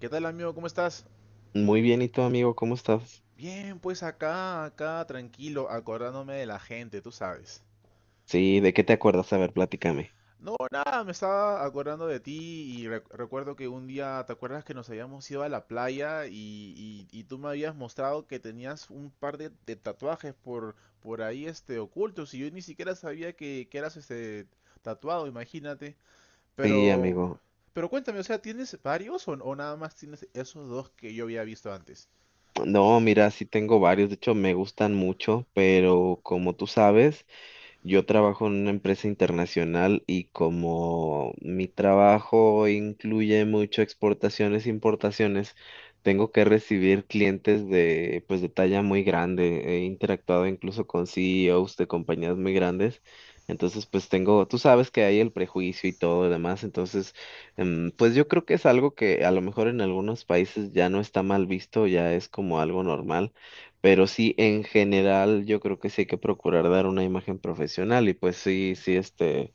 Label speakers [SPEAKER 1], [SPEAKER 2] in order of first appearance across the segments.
[SPEAKER 1] ¿Qué tal, amigo? ¿Cómo estás?
[SPEAKER 2] Muy bien, ¿y tú, amigo? ¿Cómo estás?
[SPEAKER 1] Bien, pues acá, acá, tranquilo, acordándome de la gente, tú sabes.
[SPEAKER 2] Sí, ¿de qué te acuerdas? A ver, platícame.
[SPEAKER 1] No, nada, me estaba acordando de ti y recuerdo que un día. ¿Te acuerdas que nos habíamos ido a la playa y, y tú me habías mostrado que tenías un par de tatuajes por ahí, ocultos, y yo ni siquiera sabía que eras, tatuado? Imagínate.
[SPEAKER 2] Sí,
[SPEAKER 1] Pero,
[SPEAKER 2] amigo.
[SPEAKER 1] cuéntame, o sea, ¿tienes varios o nada más tienes esos dos que yo había visto antes?
[SPEAKER 2] No, mira, sí tengo varios, de hecho me gustan mucho, pero como tú sabes, yo trabajo en una empresa internacional y como mi trabajo incluye mucho exportaciones e importaciones, tengo que recibir clientes de, pues, de talla muy grande. He interactuado incluso con CEOs de compañías muy grandes. Entonces, pues tengo, tú sabes que hay el prejuicio y todo lo demás. Entonces, pues yo creo que es algo que a lo mejor en algunos países ya no está mal visto, ya es como algo normal, pero sí, en general, yo creo que sí hay que procurar dar una imagen profesional y pues sí, sí, este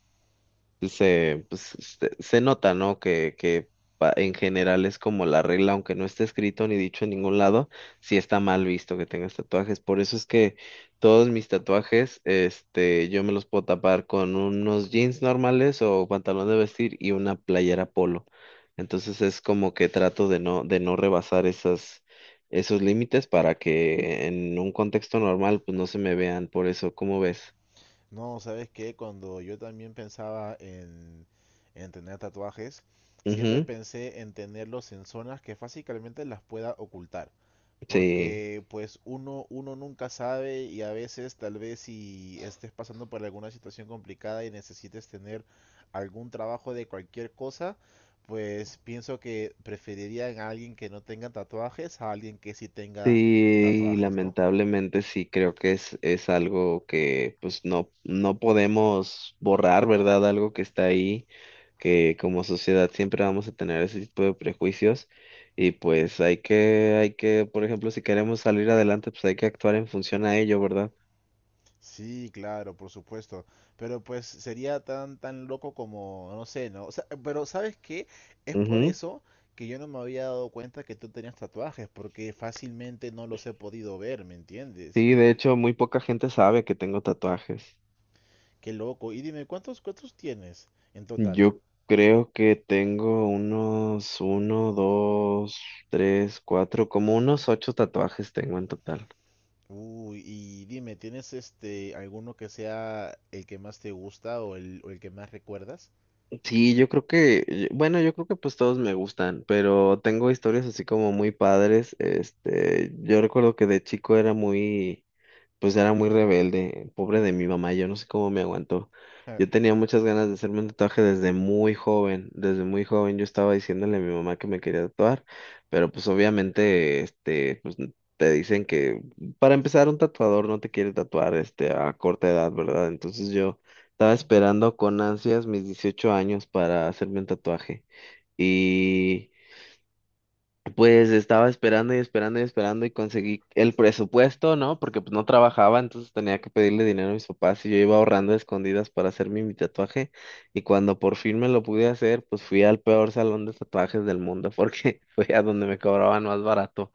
[SPEAKER 2] se, nota, ¿no? En general es como la regla, aunque no esté escrito ni dicho en ningún lado, sí está mal visto que tengas tatuajes. Por eso es que todos mis tatuajes, este, yo me los puedo tapar con unos jeans normales o pantalón de vestir y una playera polo. Entonces es como que trato de no rebasar esos límites para que en un contexto normal, pues no se me vean. Por eso, ¿cómo ves?
[SPEAKER 1] No, ¿sabes qué? Cuando yo también pensaba en, tener tatuajes, siempre
[SPEAKER 2] Ujú.
[SPEAKER 1] pensé en tenerlos en zonas que fácilmente las pueda ocultar.
[SPEAKER 2] Sí.
[SPEAKER 1] Porque pues uno nunca sabe y a veces tal vez si estés pasando por alguna situación complicada y necesites tener algún trabajo de cualquier cosa, pues pienso que preferiría a alguien que no tenga tatuajes a alguien que sí tenga
[SPEAKER 2] Sí,
[SPEAKER 1] tatuajes, ¿no?
[SPEAKER 2] lamentablemente sí, creo que es algo que pues no, no podemos borrar, ¿verdad? Algo que está ahí, que como sociedad siempre vamos a tener ese tipo de prejuicios y pues hay que, por ejemplo, si queremos salir adelante, pues hay que actuar en función a ello, ¿verdad?
[SPEAKER 1] Sí, claro, por supuesto. Pero pues sería tan tan loco como, no sé, ¿no? O sea, pero ¿sabes qué? Es por
[SPEAKER 2] Ujú.
[SPEAKER 1] eso que yo no me había dado cuenta que tú tenías tatuajes, porque fácilmente no los he podido ver, ¿me entiendes?
[SPEAKER 2] Sí, de hecho, muy poca gente sabe que tengo tatuajes.
[SPEAKER 1] Qué loco. Y dime, ¿cuántos tienes en total?
[SPEAKER 2] Yo creo que tengo unos uno, dos, tres, cuatro, como unos ocho tatuajes tengo en total.
[SPEAKER 1] Uy, y dime, ¿tienes alguno que sea el que más te gusta, o el que más recuerdas?
[SPEAKER 2] Sí, yo creo que, bueno, yo creo que pues todos me gustan, pero tengo historias así como muy padres. Este, yo recuerdo que de chico era muy pues era muy rebelde, pobre de mi mamá, yo no sé cómo me aguantó.
[SPEAKER 1] Ja.
[SPEAKER 2] Yo tenía muchas ganas de hacerme un tatuaje desde muy joven yo estaba diciéndole a mi mamá que me quería tatuar, pero pues obviamente, este, pues te dicen que para empezar un tatuador no te quiere tatuar, este, a corta edad, ¿verdad? Entonces yo estaba esperando con ansias mis 18 años para hacerme un tatuaje. Pues estaba esperando y esperando y esperando y conseguí el presupuesto, ¿no? Porque pues no trabajaba, entonces tenía que pedirle dinero a mis papás y yo iba ahorrando a escondidas para hacerme mi tatuaje. Y cuando por fin me lo pude hacer, pues fui al peor salón de tatuajes del mundo porque fue a donde me cobraban más barato.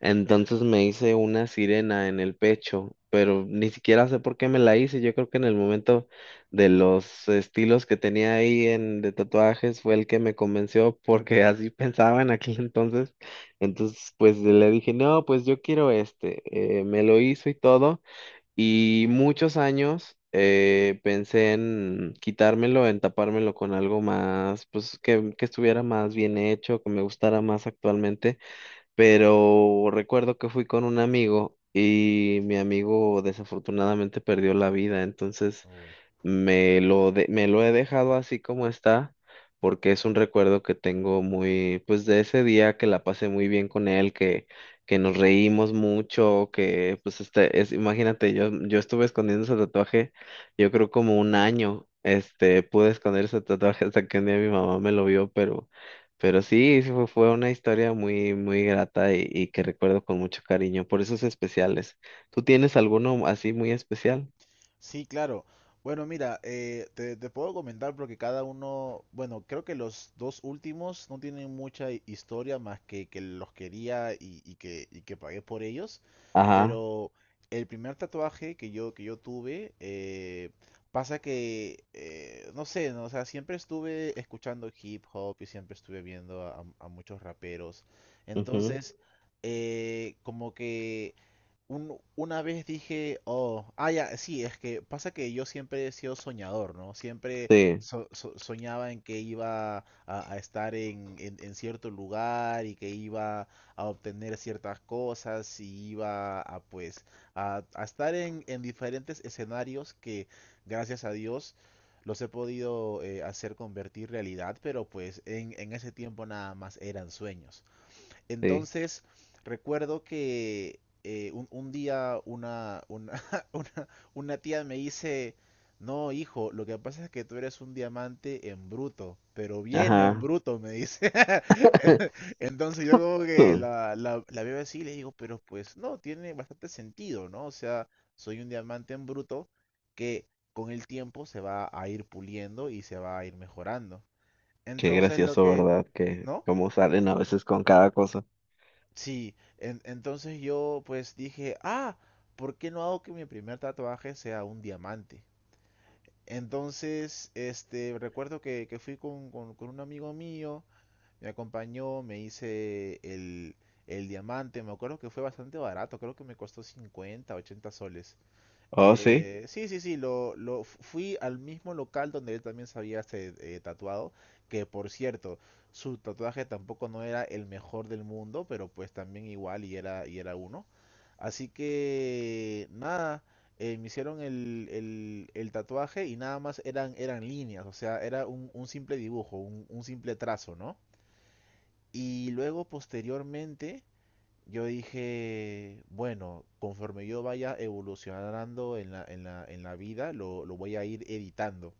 [SPEAKER 2] Entonces me hice una sirena en el pecho, pero ni siquiera sé por qué me la hice. Yo creo que en el momento de los estilos que tenía ahí de tatuajes fue el que me convenció porque así pensaba en aquel entonces. Entonces pues le dije, no, pues yo quiero este. Me lo hizo y todo. Y muchos años pensé en quitármelo, en tapármelo con algo más, pues que estuviera más bien hecho, que me gustara más actualmente, pero recuerdo que fui con un amigo y mi amigo desafortunadamente perdió la vida, entonces
[SPEAKER 1] Uy.
[SPEAKER 2] me lo he dejado así como está, porque es un recuerdo que tengo muy, pues de ese día que la pasé muy bien con él, que nos reímos mucho, que pues imagínate, yo estuve escondiendo ese tatuaje, yo creo como un año, este, pude esconder ese tatuaje hasta que un día mi mamá me lo vio, pero sí, sí fue, fue una historia muy, muy grata y que recuerdo con mucho cariño, por esos especiales. ¿Tú tienes alguno así muy especial?
[SPEAKER 1] Sí, claro. Bueno, mira, te, puedo comentar porque cada uno, bueno, creo que los dos últimos no tienen mucha historia, más que los quería y, y que pagué por ellos,
[SPEAKER 2] Ajá.
[SPEAKER 1] pero el primer tatuaje que yo tuve. Pasa que, no sé, ¿no? O sea, siempre estuve escuchando hip hop y siempre estuve viendo a, muchos raperos. Entonces, como que una vez dije, oh, ah, ya, sí. Es que pasa que yo siempre he sido soñador, ¿no? Siempre
[SPEAKER 2] Sí,
[SPEAKER 1] soñaba en que iba a, estar en, en cierto lugar, y que iba a obtener ciertas cosas, y iba a, pues, a, estar en, diferentes escenarios que, gracias a Dios, los he podido hacer convertir realidad, pero pues en, ese tiempo nada más eran sueños.
[SPEAKER 2] sí,
[SPEAKER 1] Entonces, recuerdo que un, día una, una, tía me dice, no, hijo, lo que pasa es que tú eres un diamante en bruto, pero bien en
[SPEAKER 2] ajá.
[SPEAKER 1] bruto, me dice. Entonces yo como que
[SPEAKER 2] Mm.
[SPEAKER 1] la, veo así y le digo, pero pues no, tiene bastante sentido, ¿no? O sea, soy un diamante en bruto que con el tiempo se va a ir puliendo y se va a ir mejorando.
[SPEAKER 2] Qué
[SPEAKER 1] Entonces lo
[SPEAKER 2] gracioso,
[SPEAKER 1] que,
[SPEAKER 2] ¿verdad? Que
[SPEAKER 1] ¿no?
[SPEAKER 2] cómo salen a veces con cada cosa.
[SPEAKER 1] Sí, entonces yo pues dije, ah, ¿por qué no hago que mi primer tatuaje sea un diamante? Entonces, recuerdo que, fui con, con un amigo mío. Me acompañó, me hice el, diamante. Me acuerdo que fue bastante barato, creo que me costó 50 80 soles.
[SPEAKER 2] Oh, sí.
[SPEAKER 1] Sí, sí, sí, fui al mismo local donde él también se había, tatuado, que por cierto, su tatuaje tampoco no era el mejor del mundo, pero pues también igual y era uno. Así que nada, me hicieron el, tatuaje, y nada más eran, líneas, o sea, era un, simple dibujo, un, simple trazo, ¿no? Y luego posteriormente yo dije, bueno, conforme yo vaya evolucionando en la, en la, en la vida, lo, voy a ir editando.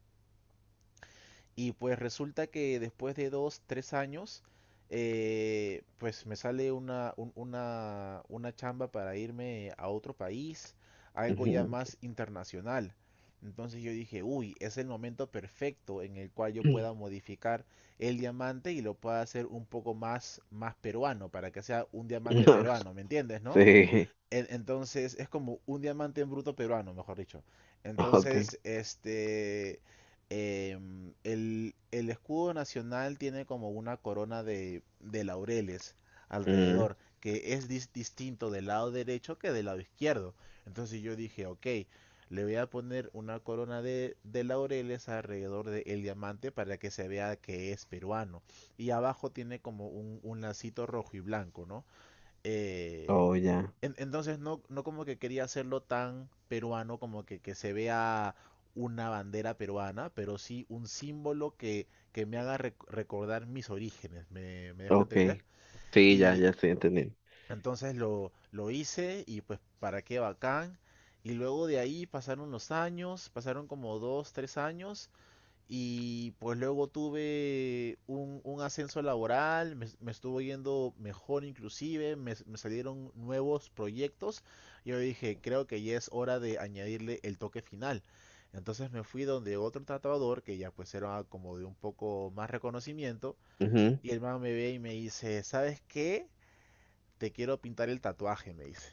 [SPEAKER 1] Y pues resulta que después de dos, tres años, pues me sale una, una chamba para irme a otro país, algo ya
[SPEAKER 2] Ujú.
[SPEAKER 1] más internacional. Entonces yo dije, uy, es el momento perfecto en el cual yo pueda modificar el diamante y lo pueda hacer un poco más, peruano, para que sea un diamante peruano, ¿me entiendes, no?
[SPEAKER 2] Sí,
[SPEAKER 1] Entonces es como un diamante en bruto peruano, mejor dicho.
[SPEAKER 2] ok.
[SPEAKER 1] Entonces, el, escudo nacional tiene como una corona de, laureles
[SPEAKER 2] Mm.
[SPEAKER 1] alrededor, que es distinto del lado derecho que del lado izquierdo. Entonces yo dije, ok, le voy a poner una corona de, laureles alrededor del diamante, para que se vea que es peruano. Y abajo tiene como un, lacito rojo y blanco, ¿no? Eh,
[SPEAKER 2] Oh, ya,
[SPEAKER 1] entonces no, no como que quería hacerlo tan peruano, como que, se vea una bandera peruana, pero sí un símbolo que, me haga recordar mis orígenes, ¿me, dejo
[SPEAKER 2] ok.
[SPEAKER 1] entender?
[SPEAKER 2] Sí, ya,
[SPEAKER 1] Y
[SPEAKER 2] ya estoy entendiendo.
[SPEAKER 1] entonces lo, hice, y pues para qué bacán. Y luego de ahí pasaron los años, pasaron como dos, tres años, y pues luego tuve un, ascenso laboral, me, estuvo yendo mejor, inclusive, me, salieron nuevos proyectos. Yo dije, creo que ya es hora de añadirle el toque final. Entonces me fui donde otro tatuador, que ya pues era como de un poco más reconocimiento,
[SPEAKER 2] Ujú.
[SPEAKER 1] y el man me ve y me dice, ¿sabes qué? Te quiero pintar el tatuaje, me dice.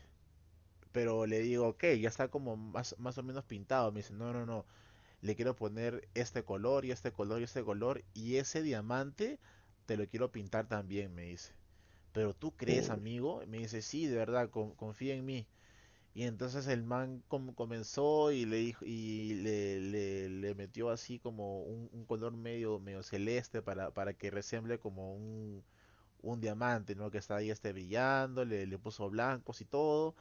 [SPEAKER 1] Pero le digo, ok, ya está como más o menos pintado. Me dice, no, no, no, le quiero poner este color y este color y este color, y ese diamante te lo quiero pintar también, me dice. ¿Pero tú crees,
[SPEAKER 2] Mm.
[SPEAKER 1] amigo? Me dice, sí, de verdad, confía en mí. Y entonces el man comenzó y le dijo, y le, le metió así como un, color medio, celeste, para, que resemble como un, diamante, ¿no? Que está ahí brillando, le, puso blancos y todo.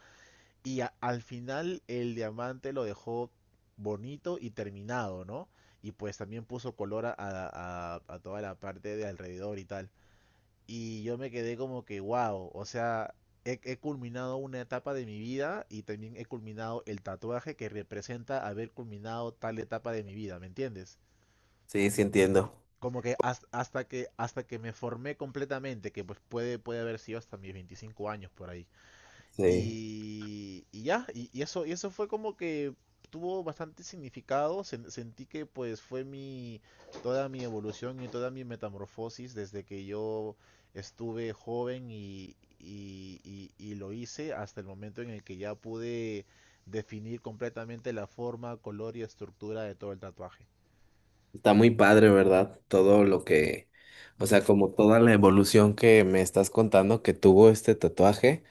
[SPEAKER 1] Y al final el diamante lo dejó bonito y terminado, ¿no? Y pues también puso color a toda la parte de alrededor y tal. Y yo me quedé como que, wow, o sea, he, culminado una etapa de mi vida, y también he culminado el tatuaje que representa haber culminado tal etapa de mi vida, ¿me entiendes?
[SPEAKER 2] Sí, sí entiendo.
[SPEAKER 1] Como que hasta que me formé completamente, que pues puede haber sido hasta mis 25 años por ahí.
[SPEAKER 2] Sí.
[SPEAKER 1] Y ya, y eso fue como que tuvo bastante significado. Sentí que pues fue mi, toda mi evolución y toda mi metamorfosis desde que yo estuve joven, y, y lo hice hasta el momento en el que ya pude definir completamente la forma, color y estructura de todo el tatuaje.
[SPEAKER 2] Está muy padre, ¿verdad? Todo lo que, o sea, como toda la evolución que me estás contando que tuvo este tatuaje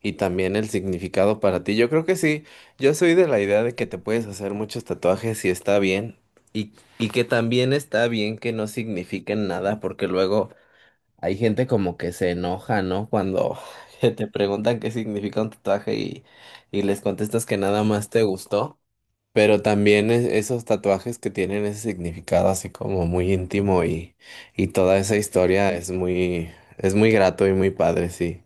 [SPEAKER 2] y también el significado para ti. Yo creo que sí, yo soy de la idea de que te puedes hacer muchos tatuajes y está bien y, y que también está bien que no signifiquen nada porque luego hay gente como que se enoja, ¿no? Cuando te preguntan qué significa un tatuaje y les contestas que nada más te gustó. Pero también esos tatuajes que tienen ese significado así como muy íntimo y toda esa historia es muy grato y muy padre, sí.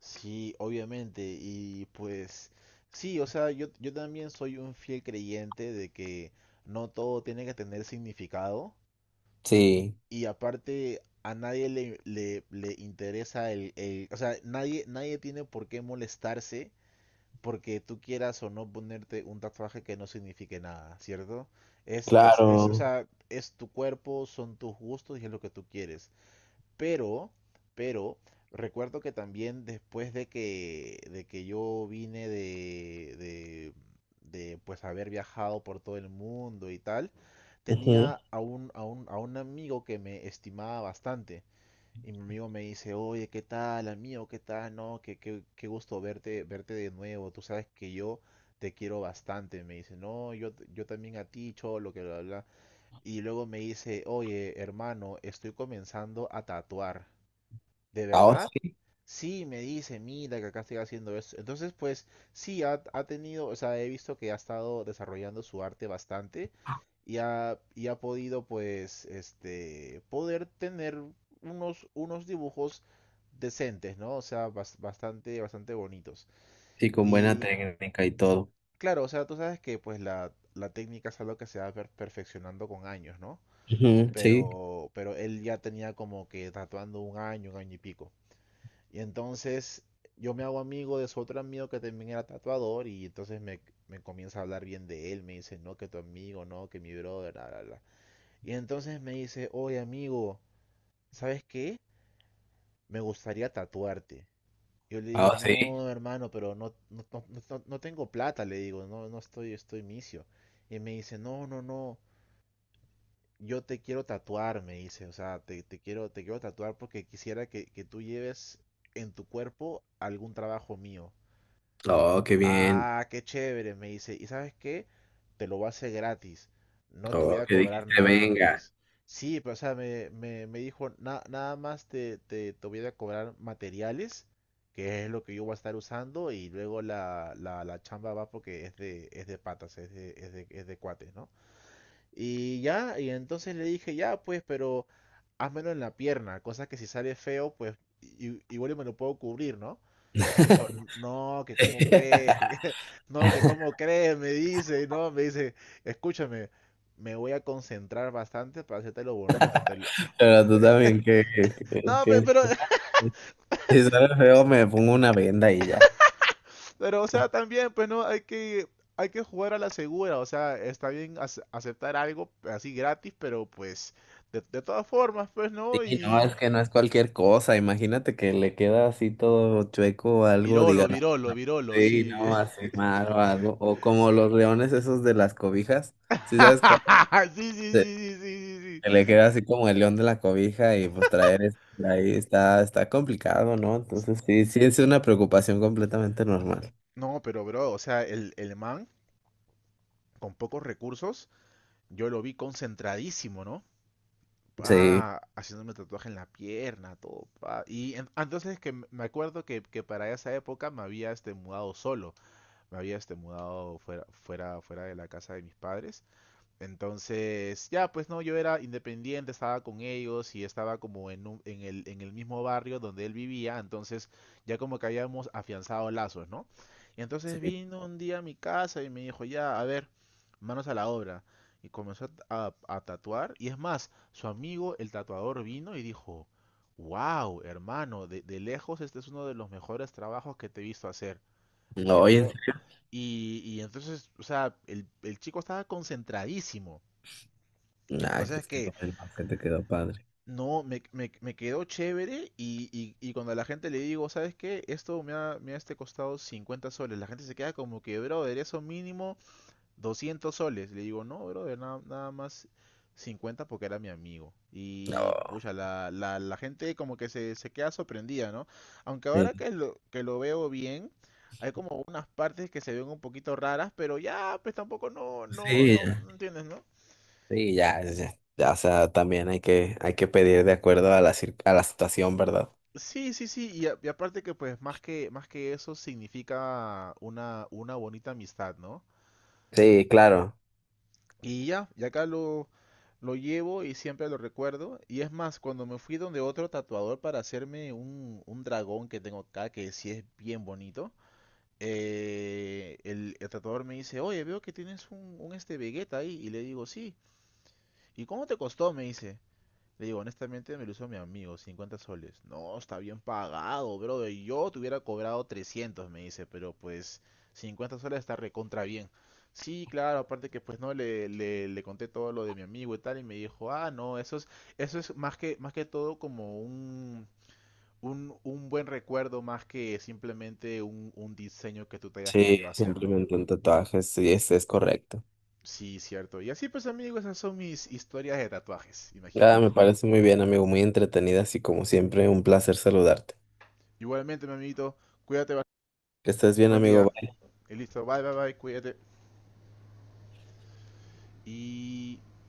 [SPEAKER 1] Sí, obviamente. Y pues sí, o sea, yo, también soy un fiel creyente de que no todo tiene que tener significado.
[SPEAKER 2] Sí,
[SPEAKER 1] Y aparte, a nadie le, le, interesa el, o sea, nadie, nadie tiene por qué molestarse porque tú quieras o no ponerte un tatuaje que no signifique nada, ¿cierto? O
[SPEAKER 2] claro.
[SPEAKER 1] sea, es tu cuerpo, son tus gustos, y es lo que tú quieres. Pero, pero, recuerdo que también después de que yo vine de, pues haber viajado por todo el mundo y tal,
[SPEAKER 2] Ujú.
[SPEAKER 1] tenía a un, a un, a un amigo que me estimaba bastante. Y mi amigo me dice, oye, ¿qué tal, amigo? ¿Qué tal? No, qué gusto verte, verte de nuevo. Tú sabes que yo te quiero bastante. Me dice, no, yo también a ti, cholo, que bla, bla. Y luego me dice, oye, hermano, estoy comenzando a tatuar. ¿De
[SPEAKER 2] Ahora
[SPEAKER 1] verdad?
[SPEAKER 2] sí,
[SPEAKER 1] Sí, me dice, mira que acá estoy haciendo eso. Entonces, pues sí, ha, tenido, o sea, he visto que ha estado desarrollando su arte bastante, y ha podido, pues, poder tener unos, dibujos decentes, ¿no? O sea, bastante bonitos.
[SPEAKER 2] sí, con buena
[SPEAKER 1] Y
[SPEAKER 2] técnica y todo.
[SPEAKER 1] claro, o sea, tú sabes que, pues, la, técnica es algo que se va perfeccionando con años, ¿no?
[SPEAKER 2] Ujú, sí.
[SPEAKER 1] Pero, él ya tenía como que tatuando un año y pico. Y entonces yo me hago amigo de su otro amigo que también era tatuador, y entonces me, comienza a hablar bien de él, me dice, no, que tu amigo, no, que mi brother, bla, bla, bla. Y entonces me dice, oye amigo, ¿sabes qué? Me gustaría tatuarte. Yo le digo,
[SPEAKER 2] Ah, sí.
[SPEAKER 1] no, hermano, pero no, no, no, no tengo plata, le digo, no, no estoy misio. Y me dice, no, no, no, yo te quiero tatuar, me dice, o sea, te quiero tatuar, porque quisiera que, tú lleves en tu cuerpo algún trabajo mío.
[SPEAKER 2] Oh, qué bien.
[SPEAKER 1] Ah, qué chévere, me dice. ¿Y sabes qué? Te lo voy a hacer gratis. No te voy
[SPEAKER 2] Oh,
[SPEAKER 1] a
[SPEAKER 2] que
[SPEAKER 1] cobrar
[SPEAKER 2] dijiste,
[SPEAKER 1] nada, me
[SPEAKER 2] venga.
[SPEAKER 1] dice. Sí, pero o sea, me, dijo, Nada más te, te, voy a cobrar materiales, que es lo que yo voy a estar usando, y luego la, la, chamba va porque es de patas, es de, es de, es de cuates, ¿no? Y ya, y entonces le dije, ya, pues, pero házmelo en la pierna, cosa que si sale feo, pues igual y me lo puedo cubrir, ¿no? Me dijo, no, que cómo crees, no, que cómo crees, me dice, no, me dice, escúchame, me voy a concentrar bastante para hacerte lo bonito. Te lo-".
[SPEAKER 2] Pero tú también
[SPEAKER 1] No, pero,
[SPEAKER 2] si sale feo me pongo una venda y ya.
[SPEAKER 1] pero, o sea, también, pues no, hay que jugar a la segura. O sea, está bien aceptar algo así gratis, pero pues, de todas formas, pues
[SPEAKER 2] Sí,
[SPEAKER 1] no,
[SPEAKER 2] no,
[SPEAKER 1] y...
[SPEAKER 2] es que no es cualquier cosa. Imagínate que le queda así todo chueco o algo, diga,
[SPEAKER 1] Virolo,
[SPEAKER 2] no,
[SPEAKER 1] Virolo,
[SPEAKER 2] no,
[SPEAKER 1] Virolo,
[SPEAKER 2] sí,
[SPEAKER 1] sí.
[SPEAKER 2] no, así mal o algo. O como los leones esos de las cobijas, ¿sí sabes cuál?
[SPEAKER 1] Sí, sí, sí,
[SPEAKER 2] Sí.
[SPEAKER 1] sí, sí, sí,
[SPEAKER 2] Que le queda así como el león de la cobija y pues traer eso ahí está, está complicado, ¿no?
[SPEAKER 1] sí.
[SPEAKER 2] Entonces sí, sí es una preocupación completamente normal.
[SPEAKER 1] No, pero bro, o sea, el man con pocos recursos, yo lo vi concentradísimo, ¿no?
[SPEAKER 2] Sí,
[SPEAKER 1] Pa, haciéndome tatuaje en la pierna, todo, pa. Y entonces que me acuerdo que para esa época me había este mudado solo, me había este mudado fuera, fuera de la casa de mis padres. Entonces, ya, pues no, yo era independiente, estaba con ellos y estaba como en, en el mismo barrio donde él vivía, entonces ya como que habíamos afianzado lazos, ¿no? Y entonces
[SPEAKER 2] sí.
[SPEAKER 1] vino un día a mi casa y me dijo, ya, a ver, manos a la obra. Y comenzó a, a tatuar. Y es más, su amigo, el tatuador, vino y dijo, wow, hermano, de lejos este es uno de los mejores trabajos que te he visto hacer.
[SPEAKER 2] No,
[SPEAKER 1] Te
[SPEAKER 2] oye, en
[SPEAKER 1] veo.
[SPEAKER 2] serio.
[SPEAKER 1] Y entonces, o sea, el chico estaba concentradísimo. La
[SPEAKER 2] Ay,
[SPEAKER 1] cosa es
[SPEAKER 2] pues qué
[SPEAKER 1] que
[SPEAKER 2] bueno que te quedó padre.
[SPEAKER 1] no, me quedó chévere. Y cuando a la gente le digo, ¿sabes qué? Esto me ha este costado 50 soles. La gente se queda como que, brother, eso mínimo 200 soles. Le digo, no, brother, nada, nada más 50 porque era mi amigo. Y
[SPEAKER 2] No,
[SPEAKER 1] pucha, la gente como que se queda sorprendida, ¿no? Aunque ahora
[SPEAKER 2] sí,
[SPEAKER 1] que lo veo bien, hay como unas partes que se ven un poquito raras, pero ya, pues tampoco no,
[SPEAKER 2] pues
[SPEAKER 1] no,
[SPEAKER 2] sí.
[SPEAKER 1] no, no entiendes, ¿no?
[SPEAKER 2] Sí, ya, ya, ya, o sea, también hay que pedir de acuerdo a la, a la situación, ¿verdad?
[SPEAKER 1] Sí, sí, sí, y, y aparte que pues más que eso significa una bonita amistad, ¿no?
[SPEAKER 2] Sí, claro.
[SPEAKER 1] Y ya, y acá lo llevo y siempre lo recuerdo. Y es más, cuando me fui donde otro tatuador para hacerme un dragón que tengo acá, que sí es bien bonito, el tatuador me dice, oye, veo que tienes un este Vegeta ahí. Y le digo, sí. ¿Y cómo te costó? Me dice. Le digo, honestamente me lo hizo mi amigo, 50 soles. No, está bien pagado, bro. Yo te hubiera cobrado 300, me dice, pero pues 50 soles está recontra bien. Sí, claro, aparte que pues no le, le conté todo lo de mi amigo y tal, y me dijo, ah, no, eso es más que todo como un, un buen recuerdo, más que simplemente un diseño que tú te hayas
[SPEAKER 2] Sí,
[SPEAKER 1] querido hacer, ¿no?
[SPEAKER 2] simplemente un tatuaje, sí, es correcto.
[SPEAKER 1] Sí, cierto. Y así pues, amigo, esas son mis historias de tatuajes,
[SPEAKER 2] Ya,
[SPEAKER 1] imagínate.
[SPEAKER 2] me parece muy bien, amigo, muy entretenida, así como siempre, un placer saludarte.
[SPEAKER 1] Igualmente, mi amiguito, cuídate, bastante.
[SPEAKER 2] Que estés bien,
[SPEAKER 1] Buen
[SPEAKER 2] amigo.
[SPEAKER 1] día. Y listo, bye, bye, bye, cuídate. Y